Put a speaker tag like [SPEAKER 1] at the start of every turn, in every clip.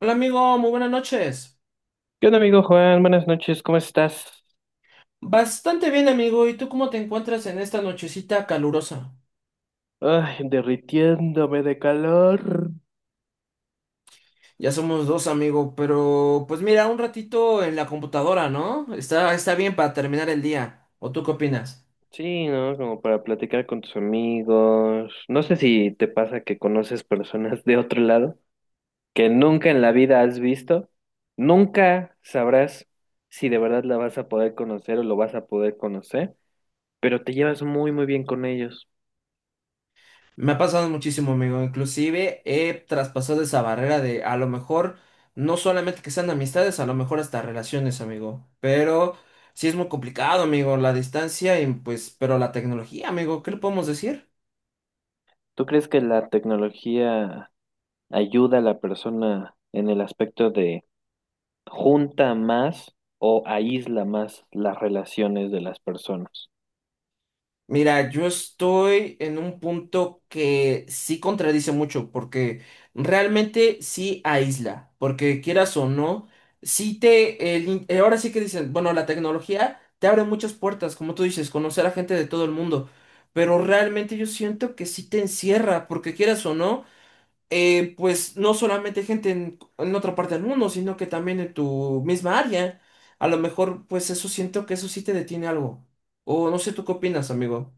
[SPEAKER 1] Hola amigo, muy buenas noches.
[SPEAKER 2] ¿Qué onda, amigo Juan? Buenas noches, ¿cómo estás?
[SPEAKER 1] Bastante bien amigo, ¿y tú cómo te encuentras en esta nochecita calurosa?
[SPEAKER 2] Ay, derritiéndome de calor.
[SPEAKER 1] Ya somos dos amigo, pero pues mira, un ratito en la computadora, ¿no? Está bien para terminar el día. ¿O tú qué opinas?
[SPEAKER 2] Sí, ¿no? Como para platicar con tus amigos. No sé si te pasa que conoces personas de otro lado que nunca en la vida has visto. Nunca sabrás si de verdad la vas a poder conocer o lo vas a poder conocer, pero te llevas muy, muy bien con ellos.
[SPEAKER 1] Me ha pasado muchísimo amigo, inclusive he traspasado esa barrera de a lo mejor no solamente que sean amistades, a lo mejor hasta relaciones amigo, pero sí es muy complicado amigo, la distancia y pues, pero la tecnología amigo, ¿qué le podemos decir?
[SPEAKER 2] ¿Tú crees que la tecnología ayuda a la persona en el aspecto de junta más o aísla más las relaciones de las personas?
[SPEAKER 1] Mira, yo estoy en un punto que sí contradice mucho, porque realmente sí aísla, porque quieras o no, sí te, ahora sí que dicen, bueno, la tecnología te abre muchas puertas, como tú dices, conocer a gente de todo el mundo, pero realmente yo siento que sí te encierra, porque quieras o no, pues no solamente gente en, otra parte del mundo, sino que también en tu misma área, a lo mejor pues eso siento que eso sí te detiene algo, o no sé, ¿tú qué opinas, amigo?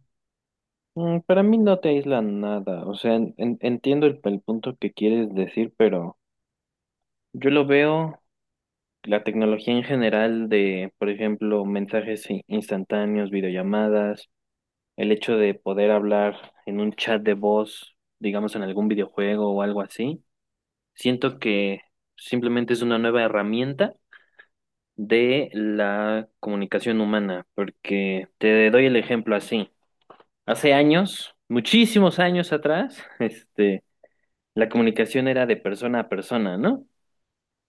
[SPEAKER 2] Mm, para mí no te aísla nada. O sea, entiendo el punto que quieres decir, pero yo lo veo, la tecnología en general de, por ejemplo, mensajes instantáneos, videollamadas, el hecho de poder hablar en un chat de voz, digamos en algún videojuego o algo así, siento que simplemente es una nueva herramienta de la comunicación humana, porque te doy el ejemplo así. Hace años, muchísimos años atrás, la comunicación era de persona a persona, ¿no?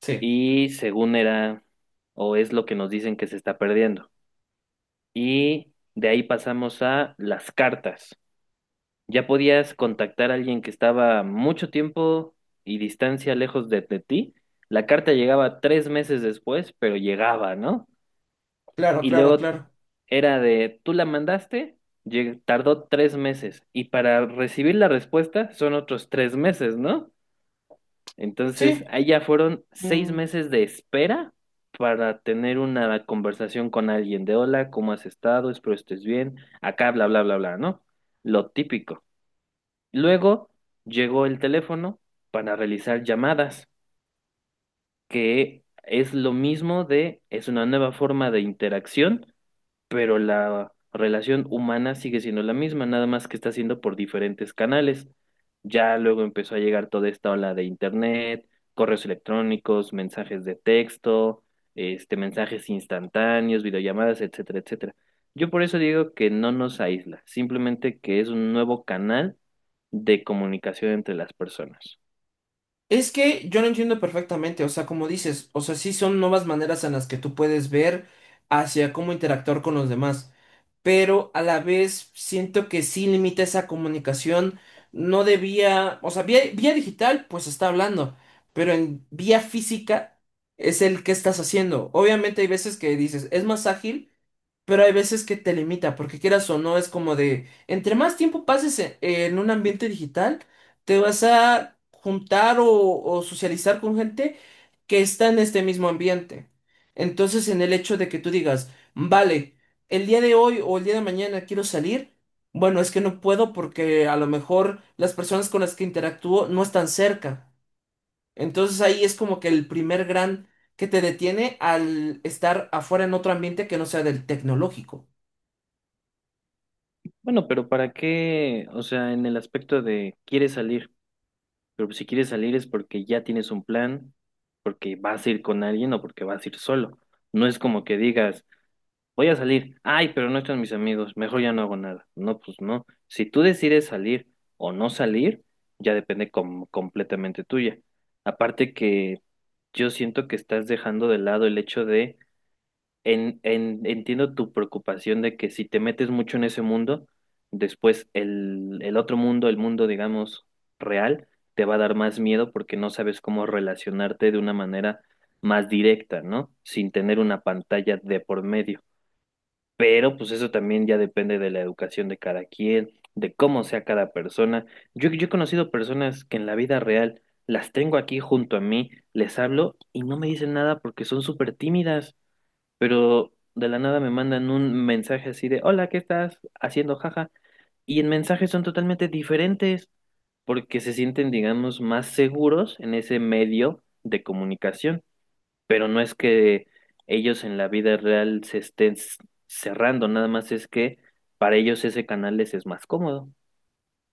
[SPEAKER 1] Sí,
[SPEAKER 2] Y según era, o es lo que nos dicen, que se está perdiendo. Y de ahí pasamos a las cartas. Ya podías contactar a alguien que estaba mucho tiempo y distancia lejos de ti. La carta llegaba tres meses después, pero llegaba, ¿no?
[SPEAKER 1] claro,
[SPEAKER 2] Y
[SPEAKER 1] claro,
[SPEAKER 2] luego
[SPEAKER 1] claro.
[SPEAKER 2] era de, tú la mandaste, tardó tres meses. Y para recibir la respuesta son otros tres meses, ¿no? Entonces,
[SPEAKER 1] Sí,
[SPEAKER 2] allá fueron seis
[SPEAKER 1] mm,
[SPEAKER 2] meses de espera para tener una conversación con alguien de, hola, ¿cómo has estado? Espero estés bien. Acá, bla, bla, bla, bla, ¿no? Lo típico. Luego llegó el teléfono para realizar llamadas, que es lo mismo de, es una nueva forma de interacción, pero la relación humana sigue siendo la misma, nada más que está siendo por diferentes canales. Ya luego empezó a llegar toda esta ola de internet, correos electrónicos, mensajes de texto, mensajes instantáneos, videollamadas, etcétera, etcétera. Yo por eso digo que no nos aísla, simplemente que es un nuevo canal de comunicación entre las personas.
[SPEAKER 1] es que yo lo entiendo perfectamente, o sea, como dices, o sea, sí son nuevas maneras en las que tú puedes ver hacia cómo interactuar con los demás, pero a la vez siento que sí limita esa comunicación, no debía, o sea, vía digital, pues está hablando, pero en vía física es el que estás haciendo. Obviamente hay veces que dices, es más ágil. Pero hay veces que te limita, porque quieras o no, es como de, entre más tiempo pases en un ambiente digital, te vas a juntar o socializar con gente que está en este mismo ambiente. Entonces, en el hecho de que tú digas, vale, el día de hoy o el día de mañana quiero salir, bueno, es que no puedo porque a lo mejor las personas con las que interactúo no están cerca. Entonces ahí es como que el primer gran que te detiene al estar afuera en otro ambiente que no sea del tecnológico.
[SPEAKER 2] Bueno, pero ¿para qué? O sea, en el aspecto de quieres salir. Pero pues si quieres salir es porque ya tienes un plan, porque vas a ir con alguien o porque vas a ir solo. No es como que digas, voy a salir, ay, pero no están mis amigos, mejor ya no hago nada. No, pues no. Si tú decides salir o no salir, ya depende completamente tuya. Aparte que yo siento que estás dejando de lado el hecho de entiendo tu preocupación de que si te metes mucho en ese mundo, después el otro mundo, el mundo, digamos, real, te va a dar más miedo porque no sabes cómo relacionarte de una manera más directa, ¿no? Sin tener una pantalla de por medio. Pero pues eso también ya depende de la educación de cada quien, de cómo sea cada persona. Yo he conocido personas que en la vida real las tengo aquí junto a mí, les hablo y no me dicen nada porque son súper tímidas, pero de la nada me mandan un mensaje así de, hola, ¿qué estás haciendo? Jaja. Y en mensajes son totalmente diferentes porque se sienten, digamos, más seguros en ese medio de comunicación, pero no es que ellos en la vida real se estén cerrando, nada más es que para ellos ese canal les es más cómodo.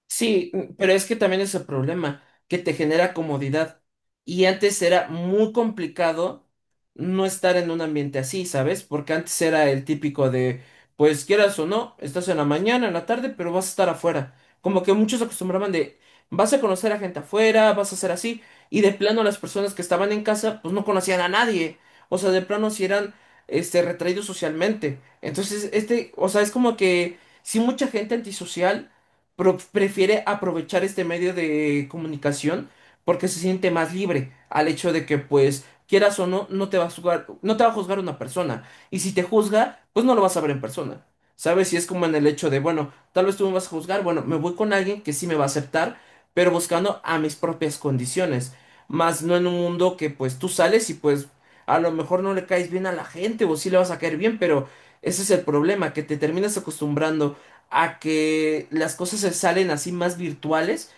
[SPEAKER 1] Sí, pero es que también es el problema, que te genera comodidad. Y antes era muy complicado no estar en un ambiente así, ¿sabes? Porque antes era el típico de, pues quieras o no, estás en la mañana, en la tarde, pero vas a estar afuera. Como que muchos acostumbraban de, vas a conocer a gente afuera, vas a ser así. Y de plano las personas que estaban en casa, pues no conocían a nadie. O sea, de plano si eran, este, retraídos socialmente. Entonces, este, o sea, es como que, sí, mucha gente antisocial prefiere aprovechar este medio de comunicación porque se siente más libre al hecho de que pues quieras o no, no te va a juzgar, no te va a juzgar una persona. Y si te juzga, pues no lo vas a ver en persona. ¿Sabes? Y es como en el hecho de, bueno, tal vez tú me vas a juzgar, bueno, me voy con alguien que sí me va a aceptar, pero buscando a mis propias condiciones. Más no en un mundo que pues tú sales y pues a lo mejor no le caes bien a la gente o sí le vas a caer bien, pero ese es el problema, que te terminas acostumbrando a que las cosas se salen así más virtuales,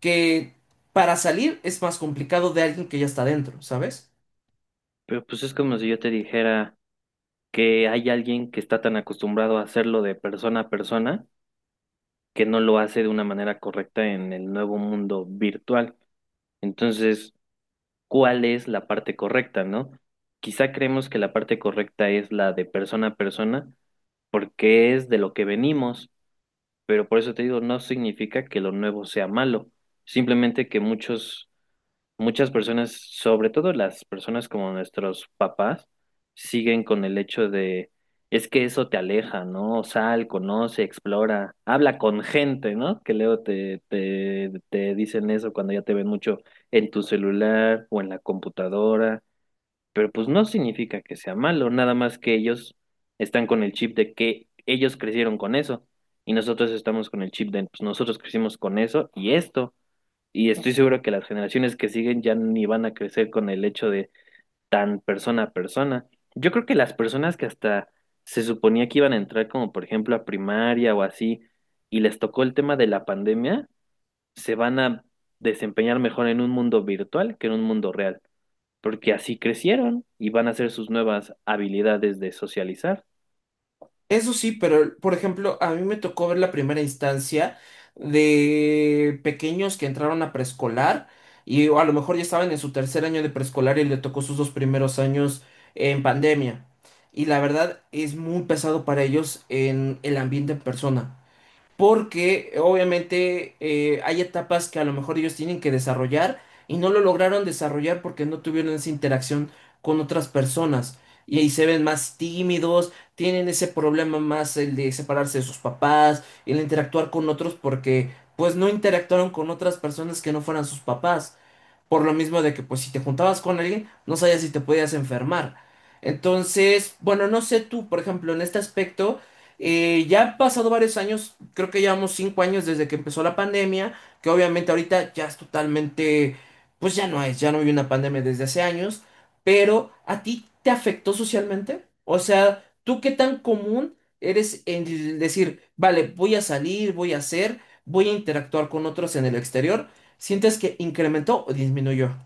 [SPEAKER 1] que para salir es más complicado de alguien que ya está dentro, ¿sabes?
[SPEAKER 2] Pero pues es como si yo te dijera que hay alguien que está tan acostumbrado a hacerlo de persona a persona que no lo hace de una manera correcta en el nuevo mundo virtual. Entonces, ¿cuál es la parte correcta, no? Quizá creemos que la parte correcta es la de persona a persona, porque es de lo que venimos, pero por eso te digo, no significa que lo nuevo sea malo, simplemente que muchos muchas personas, sobre todo las personas como nuestros papás, siguen con el hecho de, es que eso te aleja, ¿no? Sal, conoce, explora, habla con gente, ¿no? Que luego te dicen eso cuando ya te ven mucho en tu celular o en la computadora, pero pues no significa que sea malo, nada más que ellos están con el chip de que ellos crecieron con eso. Y nosotros estamos con el chip de, pues nosotros crecimos con eso y esto. Y estoy seguro que las generaciones que siguen ya ni van a crecer con el hecho de tan persona a persona. Yo creo que las personas que hasta se suponía que iban a entrar como por ejemplo a primaria o así y les tocó el tema de la pandemia, se van a desempeñar mejor en un mundo virtual que en un mundo real, porque así crecieron y van a hacer sus nuevas habilidades de socializar.
[SPEAKER 1] Eso sí, pero por ejemplo, a mí me tocó ver la primera instancia de pequeños que entraron a preescolar y o a lo mejor ya estaban en su tercer año de preescolar y le tocó sus dos primeros años en pandemia. Y la verdad es muy pesado para ellos en el ambiente en persona. Porque obviamente hay etapas que a lo mejor ellos tienen que desarrollar y no lo lograron desarrollar porque no tuvieron esa interacción con otras personas. Y ahí se ven más tímidos, tienen ese problema más el de separarse de sus papás, el interactuar con otros porque pues no interactuaron con otras personas que no fueran sus papás. Por lo mismo de que pues si te juntabas con alguien, no sabías si te podías enfermar. Entonces, bueno, no sé tú, por ejemplo, en este aspecto, ya han pasado varios años, creo que llevamos 5 años desde que empezó la pandemia, que obviamente ahorita ya es totalmente, pues ya no es, ya no hay una pandemia desde hace años, pero ¿a ti te afectó socialmente? O sea, ¿tú qué tan común eres en decir, vale, voy a salir, voy a hacer, voy a interactuar con otros en el exterior? ¿Sientes que incrementó o disminuyó?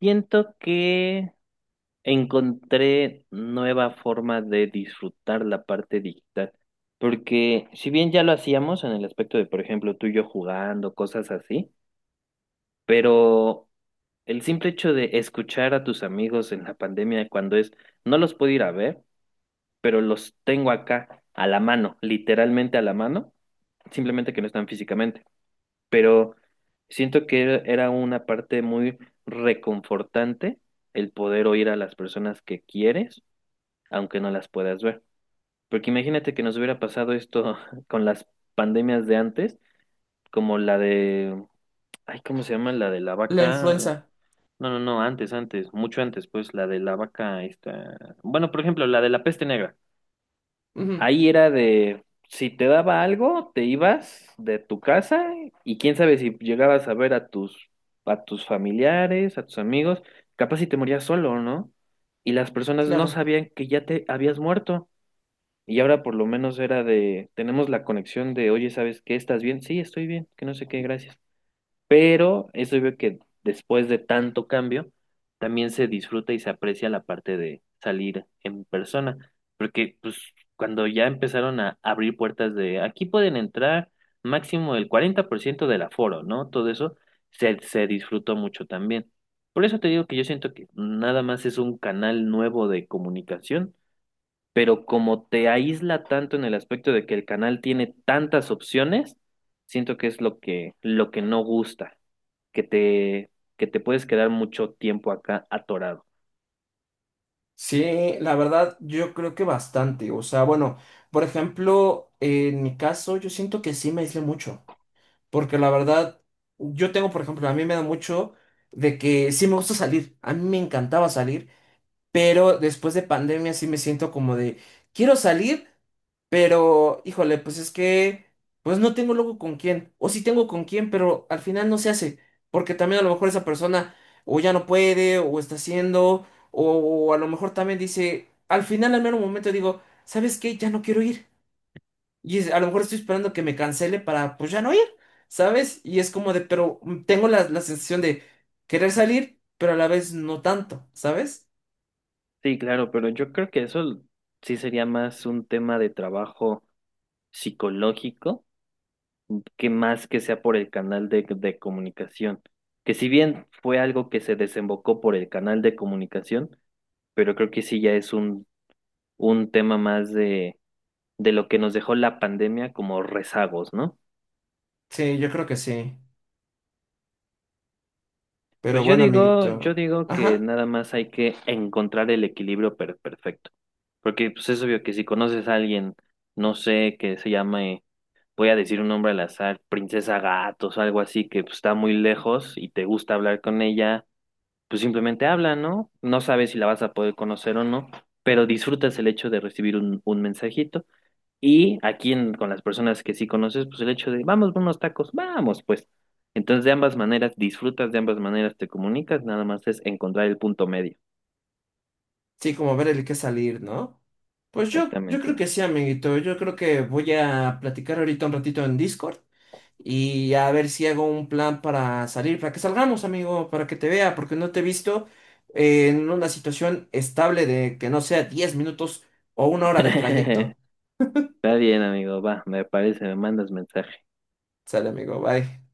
[SPEAKER 2] Siento que encontré nueva forma de disfrutar la parte digital, porque si bien ya lo hacíamos en el aspecto de, por ejemplo, tú y yo jugando, cosas así, pero el simple hecho de escuchar a tus amigos en la pandemia cuando es, no los puedo ir a ver, pero los tengo acá a la mano, literalmente a la mano, simplemente que no están físicamente, pero siento que era una parte muy reconfortante el poder oír a las personas que quieres aunque no las puedas ver. Porque imagínate que nos hubiera pasado esto con las pandemias de antes, como la de, ay, ¿cómo se llama? La de la
[SPEAKER 1] La
[SPEAKER 2] vaca.
[SPEAKER 1] influenza.
[SPEAKER 2] No, no, no, antes, antes, mucho antes, pues la de la vaca esta. Bueno, por ejemplo, la de la peste negra.
[SPEAKER 1] Ujú,
[SPEAKER 2] Ahí era de, si te daba algo, te ibas de tu casa y quién sabe si llegabas a ver a a tus familiares, a tus amigos, capaz si te morías solo, ¿no? Y las personas no
[SPEAKER 1] claro.
[SPEAKER 2] sabían que ya te habías muerto. Y ahora por lo menos era de, tenemos la conexión de, oye, ¿sabes qué? ¿Estás bien? Sí, estoy bien, que no sé qué, gracias. Pero eso veo que después de tanto cambio, también se disfruta y se aprecia la parte de salir en persona, porque pues cuando ya empezaron a abrir puertas de, aquí pueden entrar máximo el 40% del aforo, ¿no? Todo eso se disfrutó mucho también. Por eso te digo que yo siento que nada más es un canal nuevo de comunicación, pero como te aísla tanto en el aspecto de que el canal tiene tantas opciones, siento que es lo lo que no gusta, que te, que te puedes quedar mucho tiempo acá atorado.
[SPEAKER 1] Sí, la verdad, yo creo que bastante. O sea, bueno, por ejemplo, en mi caso, yo siento que sí me aislé mucho. Porque la verdad, yo tengo, por ejemplo, a mí me da mucho de que sí me gusta salir. A mí me encantaba salir. Pero después de pandemia sí me siento como de, quiero salir, pero, híjole, pues es que, pues no tengo luego con quién, o sí tengo con quién, pero al final no se hace, porque también a lo mejor esa persona o ya no puede, o está haciendo, o, a lo mejor también dice, al final al mero momento digo, ¿sabes qué? Ya no quiero ir. A lo mejor estoy esperando que me cancele para, pues ya no ir, ¿sabes? Y es como de, pero tengo la sensación de querer salir, pero a la vez no tanto, ¿sabes?
[SPEAKER 2] Sí, claro, pero yo creo que eso sí sería más un tema de trabajo psicológico que más que sea por el canal de comunicación. Que si bien fue algo que se desembocó por el canal de comunicación, pero creo que sí ya es un tema más de lo que nos dejó la pandemia como rezagos, ¿no?
[SPEAKER 1] Sí, yo creo que sí. Pero
[SPEAKER 2] Pues
[SPEAKER 1] bueno,
[SPEAKER 2] yo
[SPEAKER 1] amiguito.
[SPEAKER 2] digo que
[SPEAKER 1] Ajá.
[SPEAKER 2] nada más hay que encontrar el equilibrio perfecto. Porque pues es obvio que si conoces a alguien, no sé, que se llame, voy a decir un nombre al azar, Princesa Gatos o algo así, que pues, está muy lejos y te gusta hablar con ella, pues simplemente habla, ¿no? No sabes si la vas a poder conocer o no, pero disfrutas el hecho de recibir un mensajito. Y aquí con las personas que sí conoces, pues el hecho de, vamos por unos tacos, vamos, pues. Entonces de ambas maneras disfrutas, de ambas maneras te comunicas, nada más es encontrar el punto medio.
[SPEAKER 1] Sí, como ver el que salir, ¿no? Pues yo creo
[SPEAKER 2] Exactamente.
[SPEAKER 1] que sí, amiguito. Yo creo que voy a platicar ahorita un ratito en Discord y a ver si hago un plan para salir, para que salgamos, amigo, para que te vea, porque no te he visto en una situación estable de que no sea 10 minutos o 1 hora de trayecto.
[SPEAKER 2] Está bien, amigo, va, me parece, me mandas mensaje.
[SPEAKER 1] Sale, amigo, bye.